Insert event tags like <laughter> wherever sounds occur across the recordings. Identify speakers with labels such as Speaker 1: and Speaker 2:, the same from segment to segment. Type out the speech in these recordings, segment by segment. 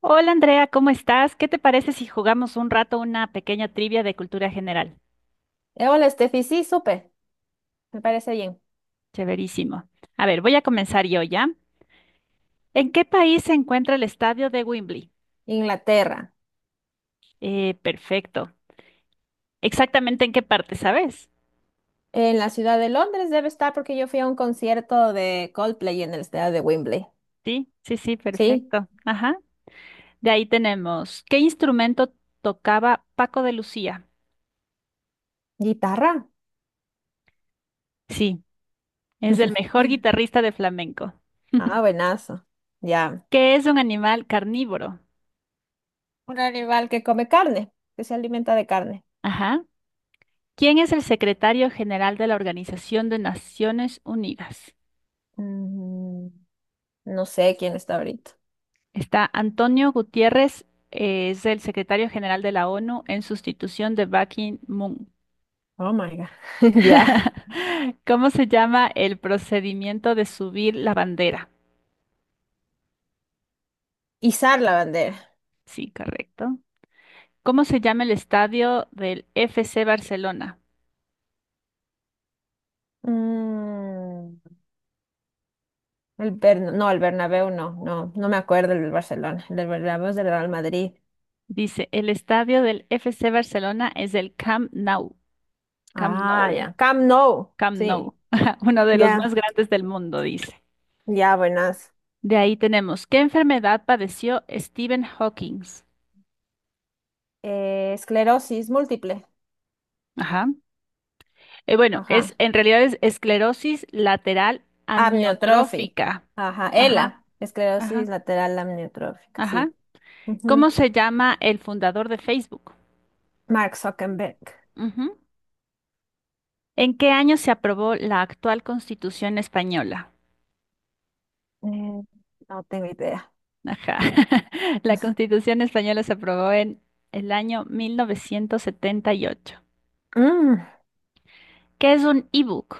Speaker 1: Hola Andrea, ¿cómo estás? ¿Qué te parece si jugamos un rato una pequeña trivia de cultura general?
Speaker 2: Hola, Steffi, sí, supe, me parece bien.
Speaker 1: Chéverísimo. A ver, voy a comenzar yo ya. ¿En qué país se encuentra el estadio de Wembley?
Speaker 2: Inglaterra.
Speaker 1: Perfecto. ¿Exactamente en qué parte, sabes?
Speaker 2: En la ciudad de Londres debe estar porque yo fui a un concierto de Coldplay en el estadio de Wembley.
Speaker 1: Sí, sí, sí,
Speaker 2: ¿Sí?
Speaker 1: perfecto. Ajá. De ahí tenemos, ¿qué instrumento tocaba Paco de Lucía?
Speaker 2: ¿Guitarra?
Speaker 1: Sí, es el mejor guitarrista de flamenco.
Speaker 2: Ah,
Speaker 1: <laughs>
Speaker 2: buenazo. Ya.
Speaker 1: ¿Qué es un animal carnívoro?
Speaker 2: Un animal que come carne, que se alimenta de carne.
Speaker 1: Ajá. ¿Quién es el secretario general de la Organización de Naciones Unidas?
Speaker 2: Mm, no sé quién está ahorita.
Speaker 1: Está Antonio Gutiérrez, es el secretario general de la ONU en sustitución de Ban Ki-moon.
Speaker 2: Oh my God. <laughs> Ya.
Speaker 1: <laughs> ¿Cómo se llama el procedimiento de subir la bandera?
Speaker 2: Izar la bandera.
Speaker 1: Sí, correcto. ¿Cómo se llama el estadio del FC Barcelona?
Speaker 2: Mm, no, el Bernabéu, no me acuerdo el del Barcelona. El del Bernabéu es del Real Madrid.
Speaker 1: Dice, el estadio del FC Barcelona es el Camp Nou, Camp
Speaker 2: Ah,
Speaker 1: Nou,
Speaker 2: ya. Camp Nou.
Speaker 1: Camp
Speaker 2: Sí.
Speaker 1: Nou, <laughs> uno de los
Speaker 2: Ya,
Speaker 1: más grandes del mundo, dice.
Speaker 2: ya, buenas.
Speaker 1: De ahí tenemos, ¿qué enfermedad padeció Stephen Hawking?
Speaker 2: Esclerosis múltiple.
Speaker 1: Ajá. Bueno,
Speaker 2: Ajá.
Speaker 1: es en realidad es esclerosis lateral
Speaker 2: Amniotrofi.
Speaker 1: amiotrófica.
Speaker 2: Ajá.
Speaker 1: Ajá,
Speaker 2: ELA.
Speaker 1: ajá,
Speaker 2: Esclerosis lateral amniotrófica.
Speaker 1: ajá.
Speaker 2: Sí.
Speaker 1: ¿Cómo
Speaker 2: Ujú.
Speaker 1: se llama el fundador de Facebook?
Speaker 2: Mark Zuckerberg.
Speaker 1: Ujú. ¿En qué año se aprobó la actual Constitución española?
Speaker 2: Eh, no tengo idea.
Speaker 1: Ajá. <laughs> La
Speaker 2: <laughs>
Speaker 1: Constitución española se aprobó en el año 1978.
Speaker 2: Mm,
Speaker 1: ¿Qué es un ebook?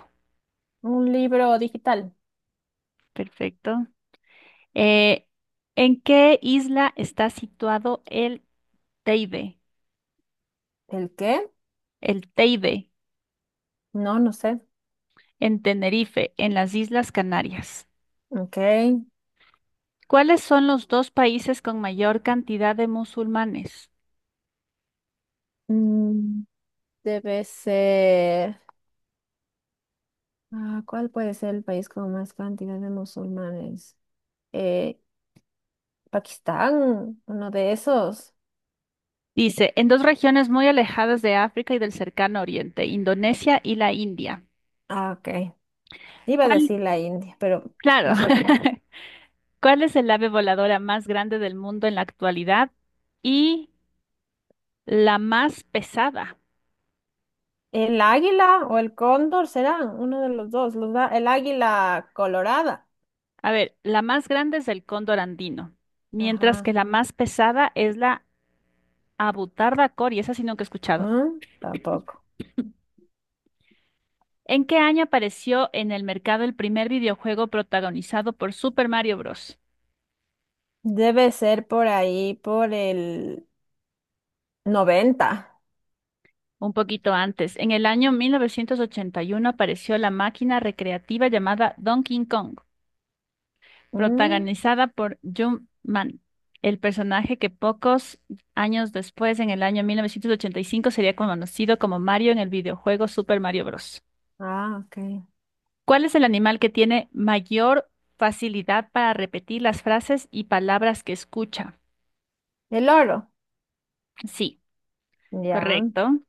Speaker 2: un libro digital.
Speaker 1: Perfecto. Eh, ¿En qué isla está situado el Teide?
Speaker 2: ¿El qué?
Speaker 1: El Teide,
Speaker 2: No, no sé.
Speaker 1: en Tenerife, en las Islas Canarias.
Speaker 2: Ok.
Speaker 1: ¿Cuáles son los dos países con mayor cantidad de musulmanes?
Speaker 2: Mm, debe ser. Ah, ¿cuál puede ser el país con más cantidad de musulmanes? Eh, Pakistán, uno de esos.
Speaker 1: Dice, en dos regiones muy alejadas de África y del cercano Oriente, Indonesia y la India.
Speaker 2: Ah, ok. Iba a
Speaker 1: ¿Cuál?
Speaker 2: decir la India, pero no
Speaker 1: Claro.
Speaker 2: sabía.
Speaker 1: <laughs> ¿Cuál es el ave voladora más grande del mundo en la actualidad y la más pesada?
Speaker 2: ¿El águila o el cóndor serán? Uno de los dos. El águila colorada.
Speaker 1: A ver, la más grande es el cóndor andino, mientras que
Speaker 2: Ajá.
Speaker 1: la más pesada es la abutarda cori, esa sí nunca he escuchado.
Speaker 2: ¿Mm? Tampoco.
Speaker 1: ¿En qué año apareció en el mercado el primer videojuego protagonizado por Super Mario Bros?
Speaker 2: Debe ser por ahí, por el 90.
Speaker 1: Un poquito antes, en el año 1981 apareció la máquina recreativa llamada Donkey Kong,
Speaker 2: ¿Mm?
Speaker 1: protagonizada por Jim Man, el personaje que pocos años después, en el año 1985, sería conocido como Mario en el videojuego Super Mario Bros.
Speaker 2: Ah, ok.
Speaker 1: ¿Cuál es el animal que tiene mayor facilidad para repetir las frases y palabras que escucha?
Speaker 2: El oro.
Speaker 1: Sí,
Speaker 2: Ya.
Speaker 1: correcto.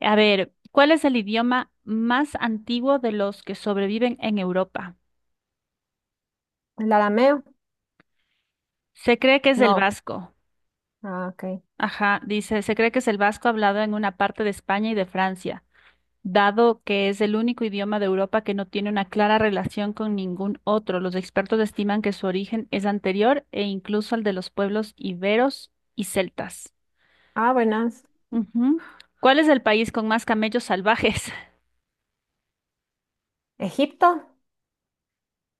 Speaker 1: A ver, ¿cuál es el idioma más antiguo de los que sobreviven en Europa?
Speaker 2: ¿El arameo?
Speaker 1: Se cree que es el
Speaker 2: No.
Speaker 1: vasco.
Speaker 2: Ah, ok.
Speaker 1: Ajá, dice, se cree que es el vasco hablado en una parte de España y de Francia, dado que es el único idioma de Europa que no tiene una clara relación con ningún otro. Los expertos estiman que su origen es anterior e incluso al de los pueblos iberos y celtas.
Speaker 2: Ah, buenas.
Speaker 1: Ujú. ¿Cuál es el país con más camellos salvajes?
Speaker 2: ¿Egipto?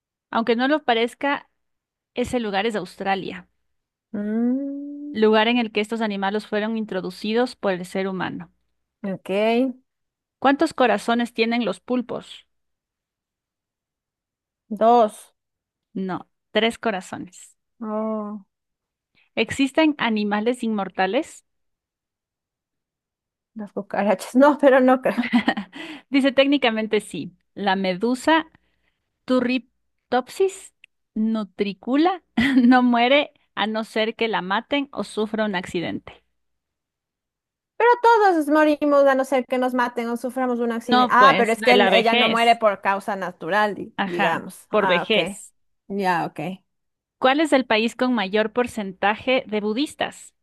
Speaker 1: <laughs> Aunque no lo parezca, ese lugar es Australia,
Speaker 2: Mm,
Speaker 1: lugar en el que estos animales fueron introducidos por el ser humano.
Speaker 2: ok.
Speaker 1: ¿Cuántos corazones tienen los pulpos?
Speaker 2: Dos.
Speaker 1: No, tres corazones.
Speaker 2: Oh.
Speaker 1: ¿Existen animales inmortales?
Speaker 2: Las cucarachas, no, pero no creo.
Speaker 1: <laughs> Dice técnicamente sí. La medusa Turritopsis nutricula <laughs> no muere a no ser que la maten o sufra un accidente.
Speaker 2: Pero todos morimos a no ser que nos maten o suframos un accidente.
Speaker 1: No,
Speaker 2: Ah, pero
Speaker 1: pues, de la
Speaker 2: ella no muere
Speaker 1: vejez.
Speaker 2: por causa natural,
Speaker 1: Ajá,
Speaker 2: digamos.
Speaker 1: por
Speaker 2: Ah, ok.
Speaker 1: vejez.
Speaker 2: Ya, ok.
Speaker 1: ¿Cuál es el país con mayor porcentaje de budistas?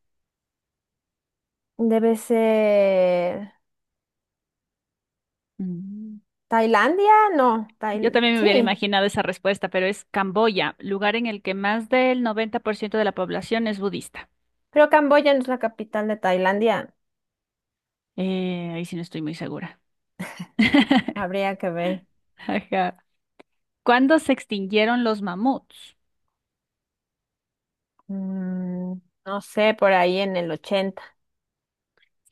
Speaker 2: Debe ser
Speaker 1: Mm.
Speaker 2: Tailandia, no,
Speaker 1: Yo
Speaker 2: Tail-
Speaker 1: también me
Speaker 2: sí.
Speaker 1: hubiera imaginado esa respuesta, pero es Camboya, lugar en el que más del 90% de la población es budista.
Speaker 2: Creo Camboya no es la capital de Tailandia.
Speaker 1: Ahí sí no estoy muy segura. <laughs>
Speaker 2: Habría que ver.
Speaker 1: Ajá. ¿Cuándo se extinguieron los mamuts?
Speaker 2: Mm, no sé, por ahí en el 80.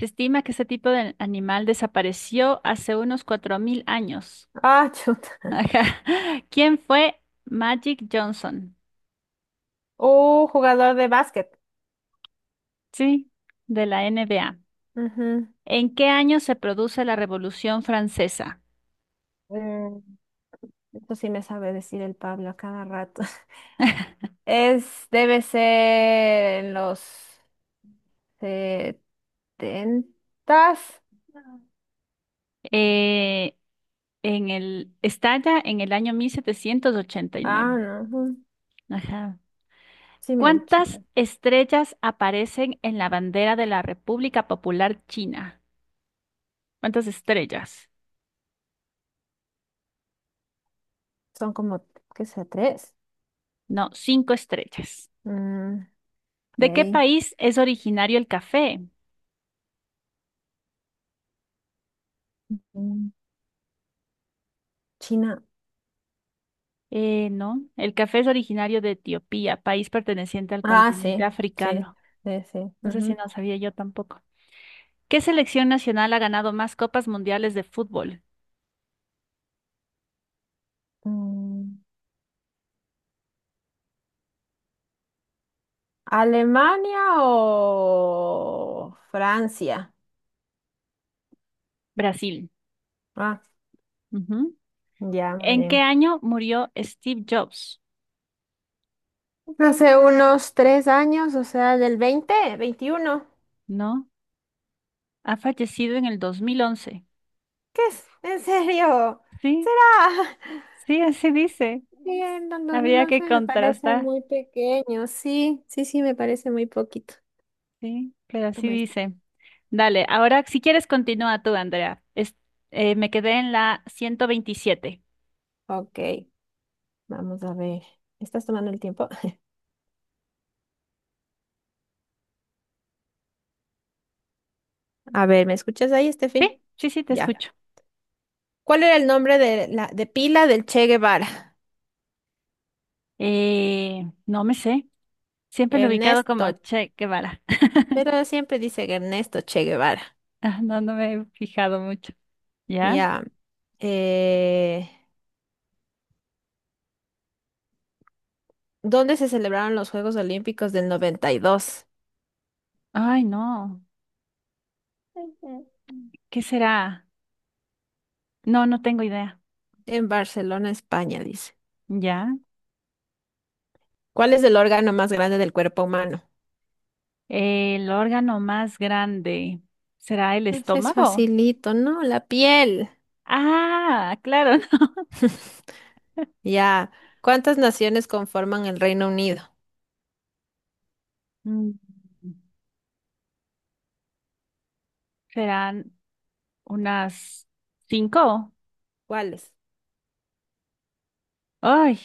Speaker 1: Se estima que ese tipo de animal desapareció hace unos 4.000 años.
Speaker 2: Ah, <laughs> chuta.
Speaker 1: Ajá. <laughs> ¿Quién fue Magic Johnson?
Speaker 2: Jugador de básquet.
Speaker 1: Sí, de la NBA.
Speaker 2: Ujú.
Speaker 1: ¿En qué año se produce la Revolución Francesa?
Speaker 2: Mm, Esto sí me sabe decir el Pablo a cada rato. Es, debe ser en los setentas.
Speaker 1: Eh, Estalla en el año mil setecientos ochenta y
Speaker 2: Ah,
Speaker 1: nueve.
Speaker 2: no. Ujú,
Speaker 1: Ajá.
Speaker 2: sí, me ha dicho.
Speaker 1: ¿Cuántas estrellas aparecen en la bandera de la República Popular China? ¿Cuántas estrellas?
Speaker 2: Son como, ¿qué sea? Tres.
Speaker 1: No, cinco estrellas.
Speaker 2: Mm,
Speaker 1: ¿De qué
Speaker 2: ok.
Speaker 1: país es originario el café?
Speaker 2: Mm, China.
Speaker 1: No, el café es originario de Etiopía, país perteneciente al
Speaker 2: Ah,
Speaker 1: continente
Speaker 2: sí,
Speaker 1: africano.
Speaker 2: sí.
Speaker 1: No sé si
Speaker 2: Ujú.
Speaker 1: no sabía yo tampoco. ¿Qué selección nacional ha ganado más copas mundiales de fútbol?
Speaker 2: Mm, ¿Alemania o Francia?
Speaker 1: Brasil.
Speaker 2: Ah,
Speaker 1: Ujú.
Speaker 2: ya, muy
Speaker 1: ¿En qué
Speaker 2: bien.
Speaker 1: año murió Steve Jobs?
Speaker 2: Hace unos tres años, o sea, del 2021.
Speaker 1: No, ha fallecido en el 2011.
Speaker 2: ¿Qué es? ¿En serio?
Speaker 1: Sí,
Speaker 2: ¿Será?
Speaker 1: sí, así dice.
Speaker 2: Sí, en el dos mil
Speaker 1: Habría
Speaker 2: once
Speaker 1: que
Speaker 2: me parece
Speaker 1: contrastar.
Speaker 2: muy pequeño. Sí, me parece muy poquito.
Speaker 1: Sí, pero así
Speaker 2: Toma esto.
Speaker 1: dice. Dale, ahora si quieres continúa tú, Andrea. Me quedé en la 127.
Speaker 2: Ok, vamos a ver. ¿Estás tomando el tiempo? <laughs> A ver, ¿me escuchas ahí, Steffi?
Speaker 1: Sí, sí, sí, te
Speaker 2: Ya.
Speaker 1: escucho.
Speaker 2: ¿Cuál era el nombre de la de pila del Che Guevara?
Speaker 1: No me sé. Siempre lo he ubicado como
Speaker 2: Ernesto.
Speaker 1: Che Guevara. <laughs>
Speaker 2: Pero siempre dice que Ernesto Che Guevara.
Speaker 1: Ah, no, no me he fijado mucho. ¿Ya?
Speaker 2: Ya. Eh, ¿Dónde se celebraron los Juegos Olímpicos del 92?
Speaker 1: Ay, no.
Speaker 2: Ujú.
Speaker 1: ¿Qué será? No, no tengo idea.
Speaker 2: En Barcelona, España, dice.
Speaker 1: ¿Ya?
Speaker 2: ¿Cuál es el órgano más grande del cuerpo humano?
Speaker 1: El órgano más grande. ¿Será el
Speaker 2: Ese es
Speaker 1: estómago?
Speaker 2: facilito, ¿no? La piel.
Speaker 1: Ah, claro. <laughs>
Speaker 2: Ya. ¿Cuántas naciones conforman el Reino Unido?
Speaker 1: Mm, ¿serán unas cinco?
Speaker 2: ¿Cuáles?
Speaker 1: Ay,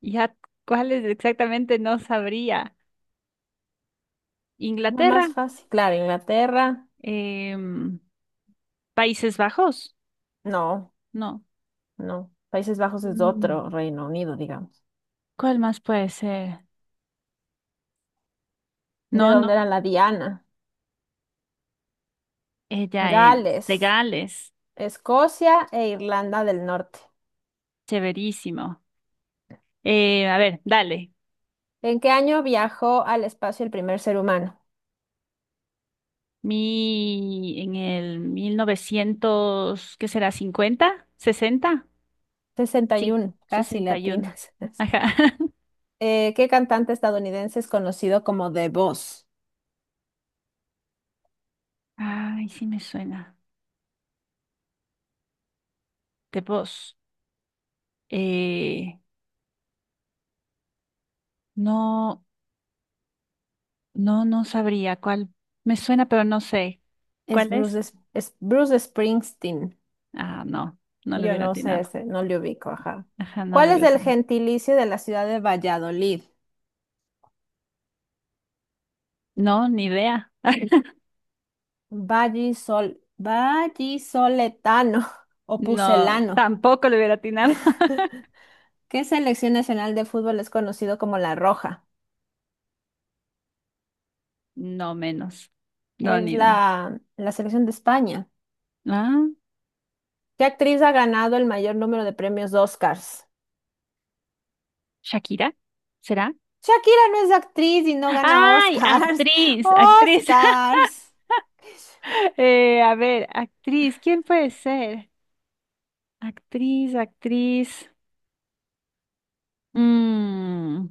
Speaker 1: ya cuáles exactamente no sabría.
Speaker 2: La
Speaker 1: Inglaterra,
Speaker 2: más fácil. Claro, Inglaterra.
Speaker 1: Em, Países Bajos,
Speaker 2: No,
Speaker 1: no.
Speaker 2: no. Países Bajos es
Speaker 1: Mm,
Speaker 2: otro Reino Unido, digamos.
Speaker 1: ¿cuál más puede ser?
Speaker 2: ¿De
Speaker 1: No, no,
Speaker 2: dónde era la Diana?
Speaker 1: ella es de
Speaker 2: Gales,
Speaker 1: Gales,
Speaker 2: Escocia e Irlanda del Norte.
Speaker 1: severísimo. A ver, dale.
Speaker 2: ¿En qué año viajó al espacio el primer ser humano?
Speaker 1: Mi, en el 1900 ¿qué será? Cincuenta, 60,
Speaker 2: Sesenta y
Speaker 1: sí,
Speaker 2: uno. Casi
Speaker 1: 61.
Speaker 2: latinas. <laughs>
Speaker 1: Ajá. <laughs>
Speaker 2: ¿Qué cantante estadounidense es conocido como The Boss?
Speaker 1: Ay, sí me suena. De voz. Eh, no, no, no sabría cuál. Me suena, pero no sé.
Speaker 2: Es
Speaker 1: ¿Cuál
Speaker 2: Bruce,
Speaker 1: es?
Speaker 2: Es- es Bruce Springsteen.
Speaker 1: Ah, no, no le
Speaker 2: Yo
Speaker 1: hubiera
Speaker 2: no sé
Speaker 1: atinado.
Speaker 2: ese, no le ubico, ajá.
Speaker 1: Ajá, no
Speaker 2: ¿Cuál
Speaker 1: le
Speaker 2: es
Speaker 1: hubiera
Speaker 2: el
Speaker 1: atinado.
Speaker 2: gentilicio de la ciudad de Valladolid?
Speaker 1: No, ni idea. <laughs>
Speaker 2: Vallisol, vallisoletano <laughs> o
Speaker 1: No,
Speaker 2: pucelano.
Speaker 1: tampoco le hubiera atinado. <laughs>
Speaker 2: ¿Qué selección nacional de fútbol es conocido como La Roja?
Speaker 1: No menos. No, ni
Speaker 2: Es
Speaker 1: idea.
Speaker 2: la selección de España.
Speaker 1: Ah.
Speaker 2: ¿Qué actriz ha ganado el mayor número de premios Oscars?
Speaker 1: ¿Shakira? ¿Será?
Speaker 2: Shakira no es actriz y no gana
Speaker 1: ¡Ay!
Speaker 2: Oscars. <laughs>
Speaker 1: Actriz, actriz. <laughs>
Speaker 2: Oscars. <laughs>
Speaker 1: A ver, actriz, ¿quién puede ser? Actriz, actriz. Mm,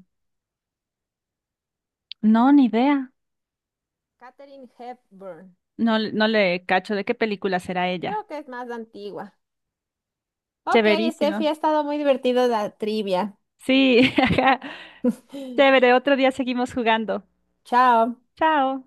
Speaker 1: no, ni idea.
Speaker 2: Katherine Hepburn.
Speaker 1: No, no le cacho de qué película será ella.
Speaker 2: Creo que es más antigua. Ok,
Speaker 1: Chéverísimo.
Speaker 2: Steffi, ha estado muy divertido la trivia.
Speaker 1: Sí, <laughs> ajá.
Speaker 2: <laughs>
Speaker 1: Chévere, otro día seguimos jugando.
Speaker 2: Chao.
Speaker 1: Chao.